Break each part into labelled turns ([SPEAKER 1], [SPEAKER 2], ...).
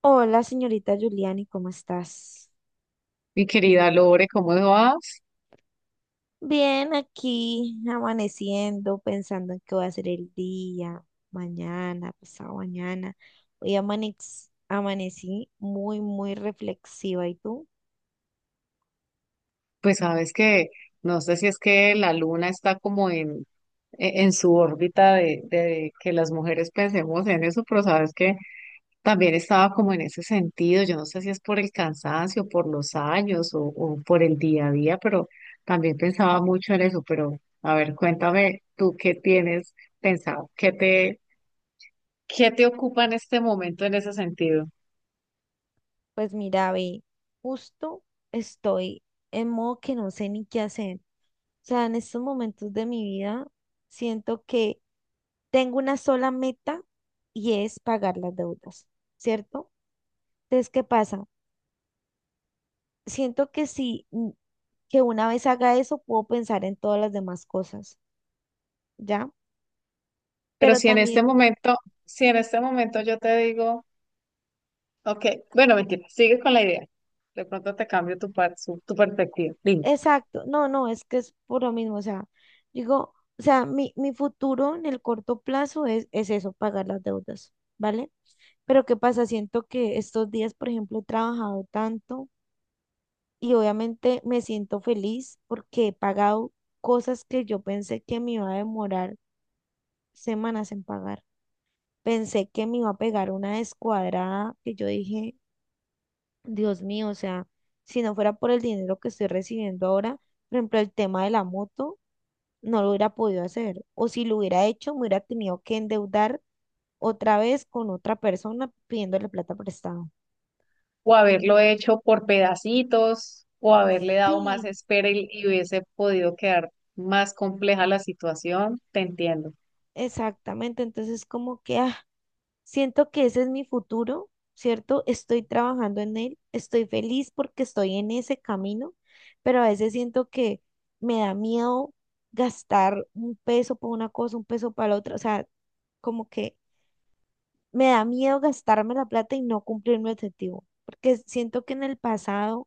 [SPEAKER 1] Hola, señorita Giuliani, ¿cómo estás?
[SPEAKER 2] Mi querida Lore, ¿cómo vas?
[SPEAKER 1] Bien, aquí amaneciendo, pensando en qué va a ser el día, mañana, pasado mañana. Hoy amanecí muy, muy reflexiva. ¿Y tú?
[SPEAKER 2] Pues sabes que no sé si es que la luna está como en su órbita de que las mujeres pensemos en eso, pero sabes que también estaba como en ese sentido. Yo no sé si es por el cansancio, por los años o por el día a día, pero también pensaba mucho en eso. Pero a ver, cuéntame tú qué tienes pensado, qué te ocupa en este momento en ese sentido.
[SPEAKER 1] Pues mira, ve, justo estoy en modo que no sé ni qué hacer. O sea, en estos momentos de mi vida siento que tengo una sola meta y es pagar las deudas, ¿cierto? Entonces, ¿qué pasa? Siento que sí, que una vez haga eso puedo pensar en todas las demás cosas, ¿ya?
[SPEAKER 2] Pero
[SPEAKER 1] Pero también,
[SPEAKER 2] si en este momento yo te digo... Ok, bueno, mentira, sigues con la idea. De pronto te cambio tu perspectiva. Dime.
[SPEAKER 1] exacto, no, no, es que es por lo mismo, o sea, digo, o sea, mi futuro en el corto plazo es eso, pagar las deudas, ¿vale? Pero ¿qué pasa? Siento que estos días, por ejemplo, he trabajado tanto y obviamente me siento feliz porque he pagado cosas que yo pensé que me iba a demorar semanas en pagar. Pensé que me iba a pegar una descuadrada que yo dije, Dios mío, o sea, si no fuera por el dinero que estoy recibiendo ahora, por ejemplo, el tema de la moto, no lo hubiera podido hacer. O si lo hubiera hecho, me hubiera tenido que endeudar otra vez con otra persona pidiéndole plata prestada.
[SPEAKER 2] O
[SPEAKER 1] Sí, me-
[SPEAKER 2] haberlo hecho por pedacitos, o haberle dado más
[SPEAKER 1] sí,
[SPEAKER 2] espera y hubiese podido quedar más compleja la situación, te entiendo.
[SPEAKER 1] exactamente. Entonces, como que, siento que ese es mi futuro, ¿cierto? Estoy trabajando en él, estoy feliz porque estoy en ese camino, pero a veces siento que me da miedo gastar un peso por una cosa, un peso para la otra, o sea, como que me da miedo gastarme la plata y no cumplir mi objetivo, porque siento que en el pasado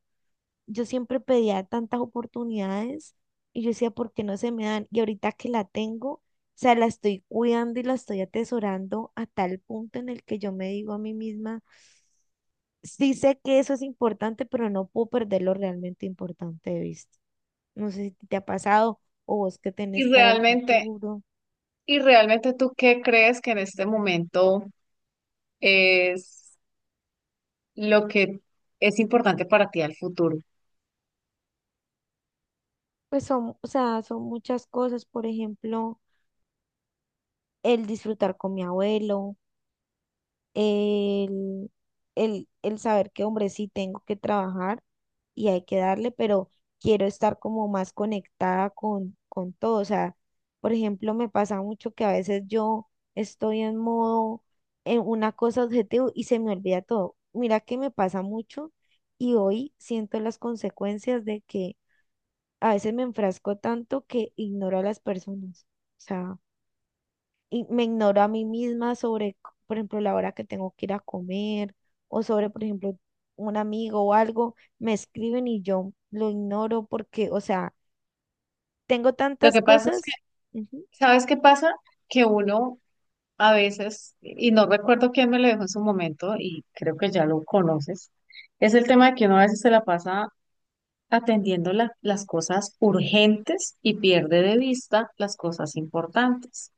[SPEAKER 1] yo siempre pedía tantas oportunidades y yo decía, ¿por qué no se me dan? Y ahorita que la tengo, o sea, la estoy cuidando y la estoy atesorando a tal punto en el que yo me digo a mí misma, sí sé que eso es importante, pero no puedo perder lo realmente importante de vista. No sé si te ha pasado o vos qué
[SPEAKER 2] Y
[SPEAKER 1] tenés para el
[SPEAKER 2] realmente,
[SPEAKER 1] futuro.
[SPEAKER 2] y realmente ¿tú qué crees que en este momento es lo que es importante para ti al futuro?
[SPEAKER 1] Pues son, o sea, son muchas cosas, por ejemplo, el disfrutar con mi abuelo el, el saber que, hombre, sí tengo que trabajar y hay que darle, pero quiero estar como más conectada con todo. O sea, por ejemplo, me pasa mucho que a veces yo estoy en modo, en una cosa objetivo y se me olvida todo. Mira que me pasa mucho y hoy siento las consecuencias de que a veces me enfrasco tanto que ignoro a las personas. O sea, y me ignoro a mí misma por ejemplo, la hora que tengo que ir a comer o sobre, por ejemplo, un amigo o algo, me escriben y yo lo ignoro porque, o sea, tengo
[SPEAKER 2] Lo
[SPEAKER 1] tantas
[SPEAKER 2] que pasa es que,
[SPEAKER 1] cosas. Ujú,
[SPEAKER 2] ¿sabes qué pasa? Que uno a veces, y no recuerdo quién me lo dijo en su momento, y creo que ya lo conoces, es el tema de que uno a veces se la pasa atendiendo las cosas urgentes y pierde de vista las cosas importantes.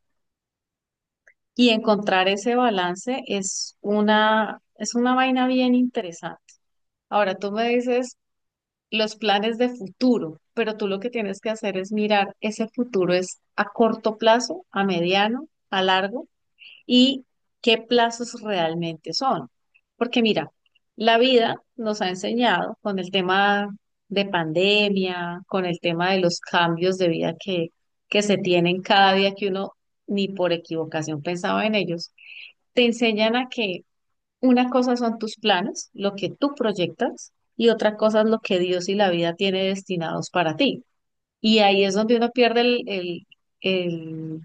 [SPEAKER 2] Y encontrar ese balance es una vaina bien interesante. Ahora tú me dices los planes de futuro, pero tú lo que tienes que hacer es mirar ese futuro es a corto plazo, a mediano, a largo y qué plazos realmente son. Porque mira, la vida nos ha enseñado con el tema de pandemia, con el tema de los cambios de vida que se tienen cada día que uno ni por equivocación pensaba en ellos, te enseñan a que una cosa son tus planes, lo que tú proyectas, y otra cosa es lo que Dios y la vida tiene destinados para ti. Y ahí es donde uno pierde el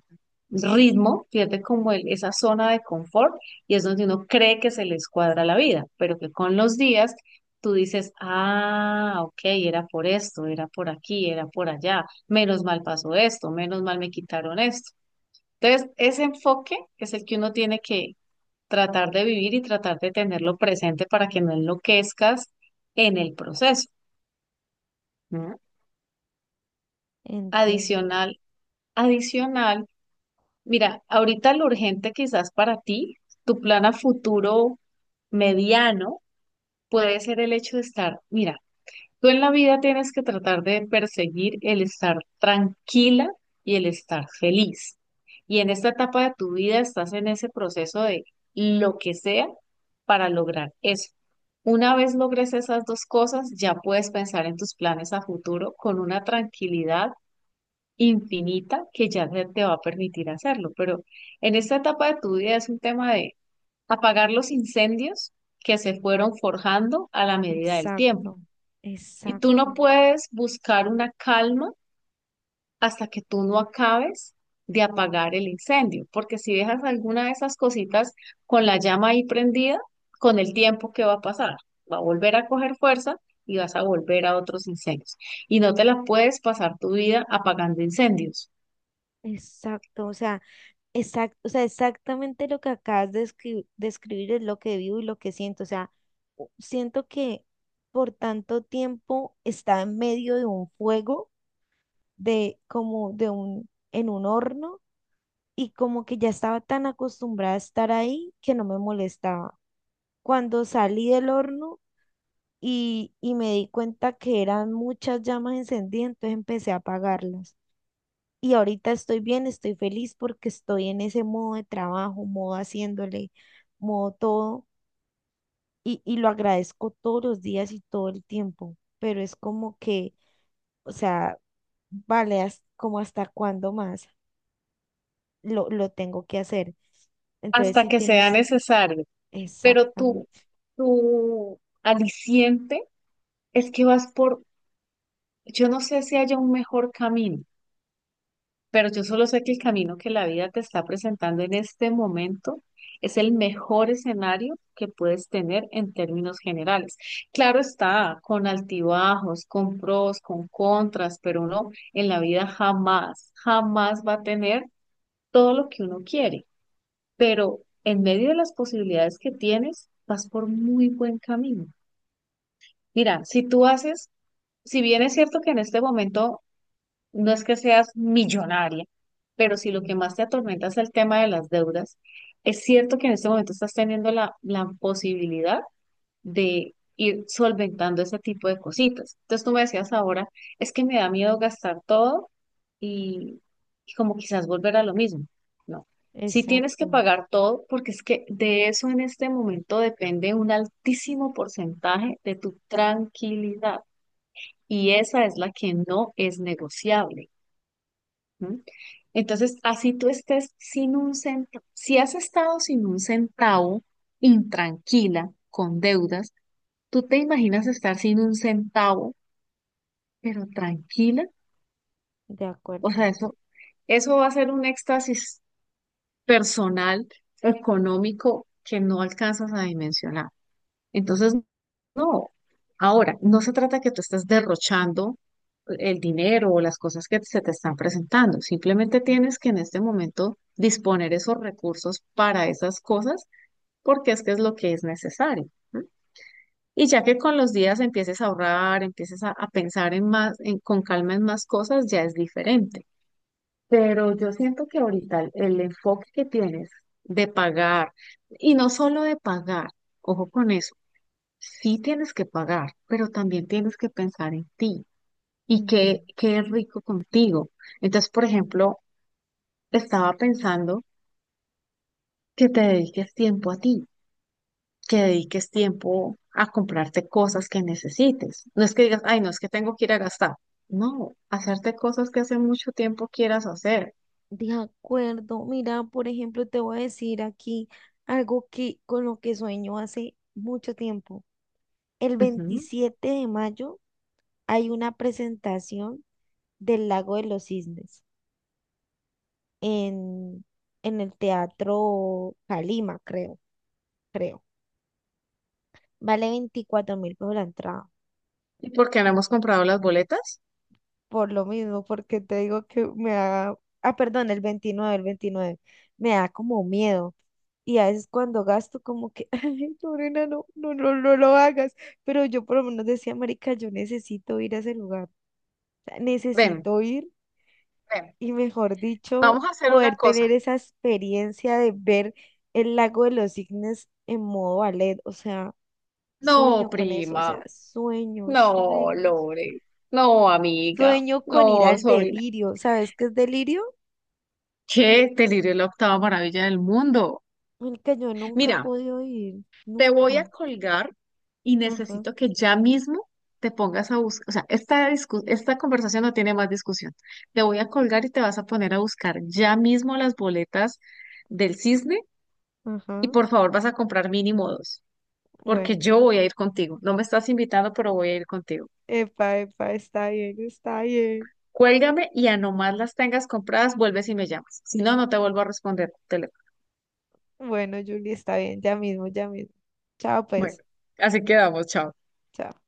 [SPEAKER 2] ritmo, pierde como esa zona de confort y es donde uno cree que se les cuadra la vida, pero que con los días tú dices, ah, ok, era por esto, era por aquí, era por allá, menos mal pasó esto, menos mal me quitaron esto. Entonces, ese enfoque es el que uno tiene que tratar de vivir y tratar de tenerlo presente para que no enloquezcas en el proceso, ¿no?
[SPEAKER 1] entiendo.
[SPEAKER 2] Adicional, adicional. Mira, ahorita lo urgente quizás para ti, tu plan a futuro mediano puede ser el hecho de estar, mira, tú en la vida tienes que tratar de perseguir el estar tranquila y el estar feliz. Y en esta etapa de tu vida estás en ese proceso de lo que sea para lograr eso. Una vez logres esas dos cosas, ya puedes pensar en tus planes a futuro con una tranquilidad infinita que ya se te va a permitir hacerlo. Pero en esta etapa de tu vida es un tema de apagar los incendios que se fueron forjando a la medida del tiempo.
[SPEAKER 1] Exacto,
[SPEAKER 2] Y tú
[SPEAKER 1] exacto,
[SPEAKER 2] no puedes buscar una calma hasta que tú no acabes de apagar el incendio, porque si dejas alguna de esas cositas con la llama ahí prendida, con el tiempo, ¿qué va a pasar? Va a volver a coger fuerza y vas a volver a otros incendios. Y no te la puedes pasar tu vida apagando incendios.
[SPEAKER 1] exacto. O sea, exacto, o sea, exactamente lo que acabas de de escribir es lo que vivo y lo que siento. O sea, siento que por tanto tiempo estaba en medio de un fuego de como de un, en un horno y como que ya estaba tan acostumbrada a estar ahí que no me molestaba. Cuando salí del horno y me di cuenta que eran muchas llamas encendidas, entonces empecé a apagarlas. Y ahorita estoy bien, estoy feliz porque estoy en ese modo de trabajo, modo haciéndole, modo todo, y lo agradezco todos los días y todo el tiempo, pero es como que, o sea, vale, ¿hasta- como hasta cuándo más? Lo tengo que hacer. Entonces,
[SPEAKER 2] Hasta
[SPEAKER 1] sí
[SPEAKER 2] que sea
[SPEAKER 1] tienes
[SPEAKER 2] necesario. Pero tu,
[SPEAKER 1] exactamente,
[SPEAKER 2] tu aliciente es que vas por, yo no sé si haya un mejor camino, pero yo solo sé que el camino que la vida te está presentando en este momento es el mejor escenario que puedes tener en términos generales. Claro está, con altibajos, con pros, con contras, pero uno en la vida jamás, jamás va a tener todo lo que uno quiere. Pero en medio de las posibilidades que tienes, vas por muy buen camino. Mira, si tú haces, si bien es cierto que en este momento no es que seas millonaria, pero si lo que
[SPEAKER 1] mm,
[SPEAKER 2] más te atormenta es el tema de las deudas, es cierto que en este momento estás teniendo la posibilidad de ir solventando ese tipo de cositas. Entonces tú me decías ahora, es que me da miedo gastar todo y, y como quizás volver a lo mismo. No, si tienes que
[SPEAKER 1] exacto,
[SPEAKER 2] pagar todo, porque es que de eso en este momento depende un altísimo porcentaje de tu tranquilidad y esa es la que no es negociable. ¿M? Entonces, así tú estés sin un centavo, si has estado sin un centavo, intranquila, con deudas, ¿tú te imaginas estar sin un centavo, pero tranquila?
[SPEAKER 1] de
[SPEAKER 2] O
[SPEAKER 1] acuerdo.
[SPEAKER 2] sea, eso va a ser un éxtasis personal, económico, que no alcanzas a dimensionar. Entonces, no. Ahora, no se trata que tú estés derrochando el dinero o las cosas que se te están presentando. Simplemente tienes que en este momento disponer esos recursos para esas cosas porque es que es lo que es necesario, ¿no? Y ya que con los días empieces a ahorrar, empieces a pensar en más, con calma en más cosas, ya es diferente. Pero yo siento que ahorita el enfoque que tienes de pagar, y no solo de pagar, ojo con eso, sí tienes que pagar, pero también tienes que pensar en ti y
[SPEAKER 1] Ujú.
[SPEAKER 2] qué rico contigo. Entonces, por ejemplo, estaba pensando que te dediques tiempo a ti, que dediques tiempo a comprarte cosas que necesites. No es que digas, ay, no, es que tengo que ir a gastar. No, hacerte cosas que hace mucho tiempo quieras hacer.
[SPEAKER 1] De acuerdo, mira, por ejemplo, te voy a decir aquí algo que con lo que sueño hace mucho tiempo. El
[SPEAKER 2] Ujú.
[SPEAKER 1] 27 de mayo hay una presentación del Lago de los Cisnes en, en el Teatro Calima, creo, creo. Vale 24.000 pesos la entrada.
[SPEAKER 2] ¿Y por qué no hemos comprado las boletas?
[SPEAKER 1] Por lo mismo, porque te digo que me da, ah, perdón, el 29, el 29 me da como miedo. Y a veces cuando gasto como que, ay, Lorena, no, no, no, no lo hagas. Pero yo por lo menos decía, marica, yo necesito ir a ese lugar. O sea,
[SPEAKER 2] Ven,
[SPEAKER 1] necesito ir
[SPEAKER 2] ven,
[SPEAKER 1] y mejor dicho,
[SPEAKER 2] vamos a hacer una
[SPEAKER 1] poder tener
[SPEAKER 2] cosa.
[SPEAKER 1] esa experiencia de ver el lago de los cisnes en modo ballet. O sea,
[SPEAKER 2] No,
[SPEAKER 1] sueño con eso, o
[SPEAKER 2] prima.
[SPEAKER 1] sea, sueño,
[SPEAKER 2] No,
[SPEAKER 1] sueños.
[SPEAKER 2] Lore. No, amiga.
[SPEAKER 1] Sueño
[SPEAKER 2] No,
[SPEAKER 1] con ir al
[SPEAKER 2] sobrina.
[SPEAKER 1] delirio. ¿Sabes qué es delirio?
[SPEAKER 2] ¿Qué? Delirio es la octava maravilla del mundo.
[SPEAKER 1] El que yo nunca he
[SPEAKER 2] Mira,
[SPEAKER 1] podido ir,
[SPEAKER 2] te voy a
[SPEAKER 1] nunca.
[SPEAKER 2] colgar y
[SPEAKER 1] Ajá,
[SPEAKER 2] necesito que ya mismo te pongas a buscar. O sea, esta, esta conversación no tiene más discusión. Te voy a colgar y te vas a poner a buscar ya mismo las boletas del cisne y
[SPEAKER 1] ajá.
[SPEAKER 2] por favor vas a comprar mínimo dos,
[SPEAKER 1] Bueno,
[SPEAKER 2] porque yo voy a ir contigo. No me estás invitando, pero voy a ir contigo.
[SPEAKER 1] epa, epa, está bien, está bien.
[SPEAKER 2] Cuélgame y a nomás las tengas compradas, vuelves y me llamas. Si no, no te vuelvo a responder el teléfono.
[SPEAKER 1] Bueno, Julie, está bien, ya mismo, ya mismo. Chao,
[SPEAKER 2] Bueno,
[SPEAKER 1] pues.
[SPEAKER 2] así quedamos, chao.
[SPEAKER 1] Chao.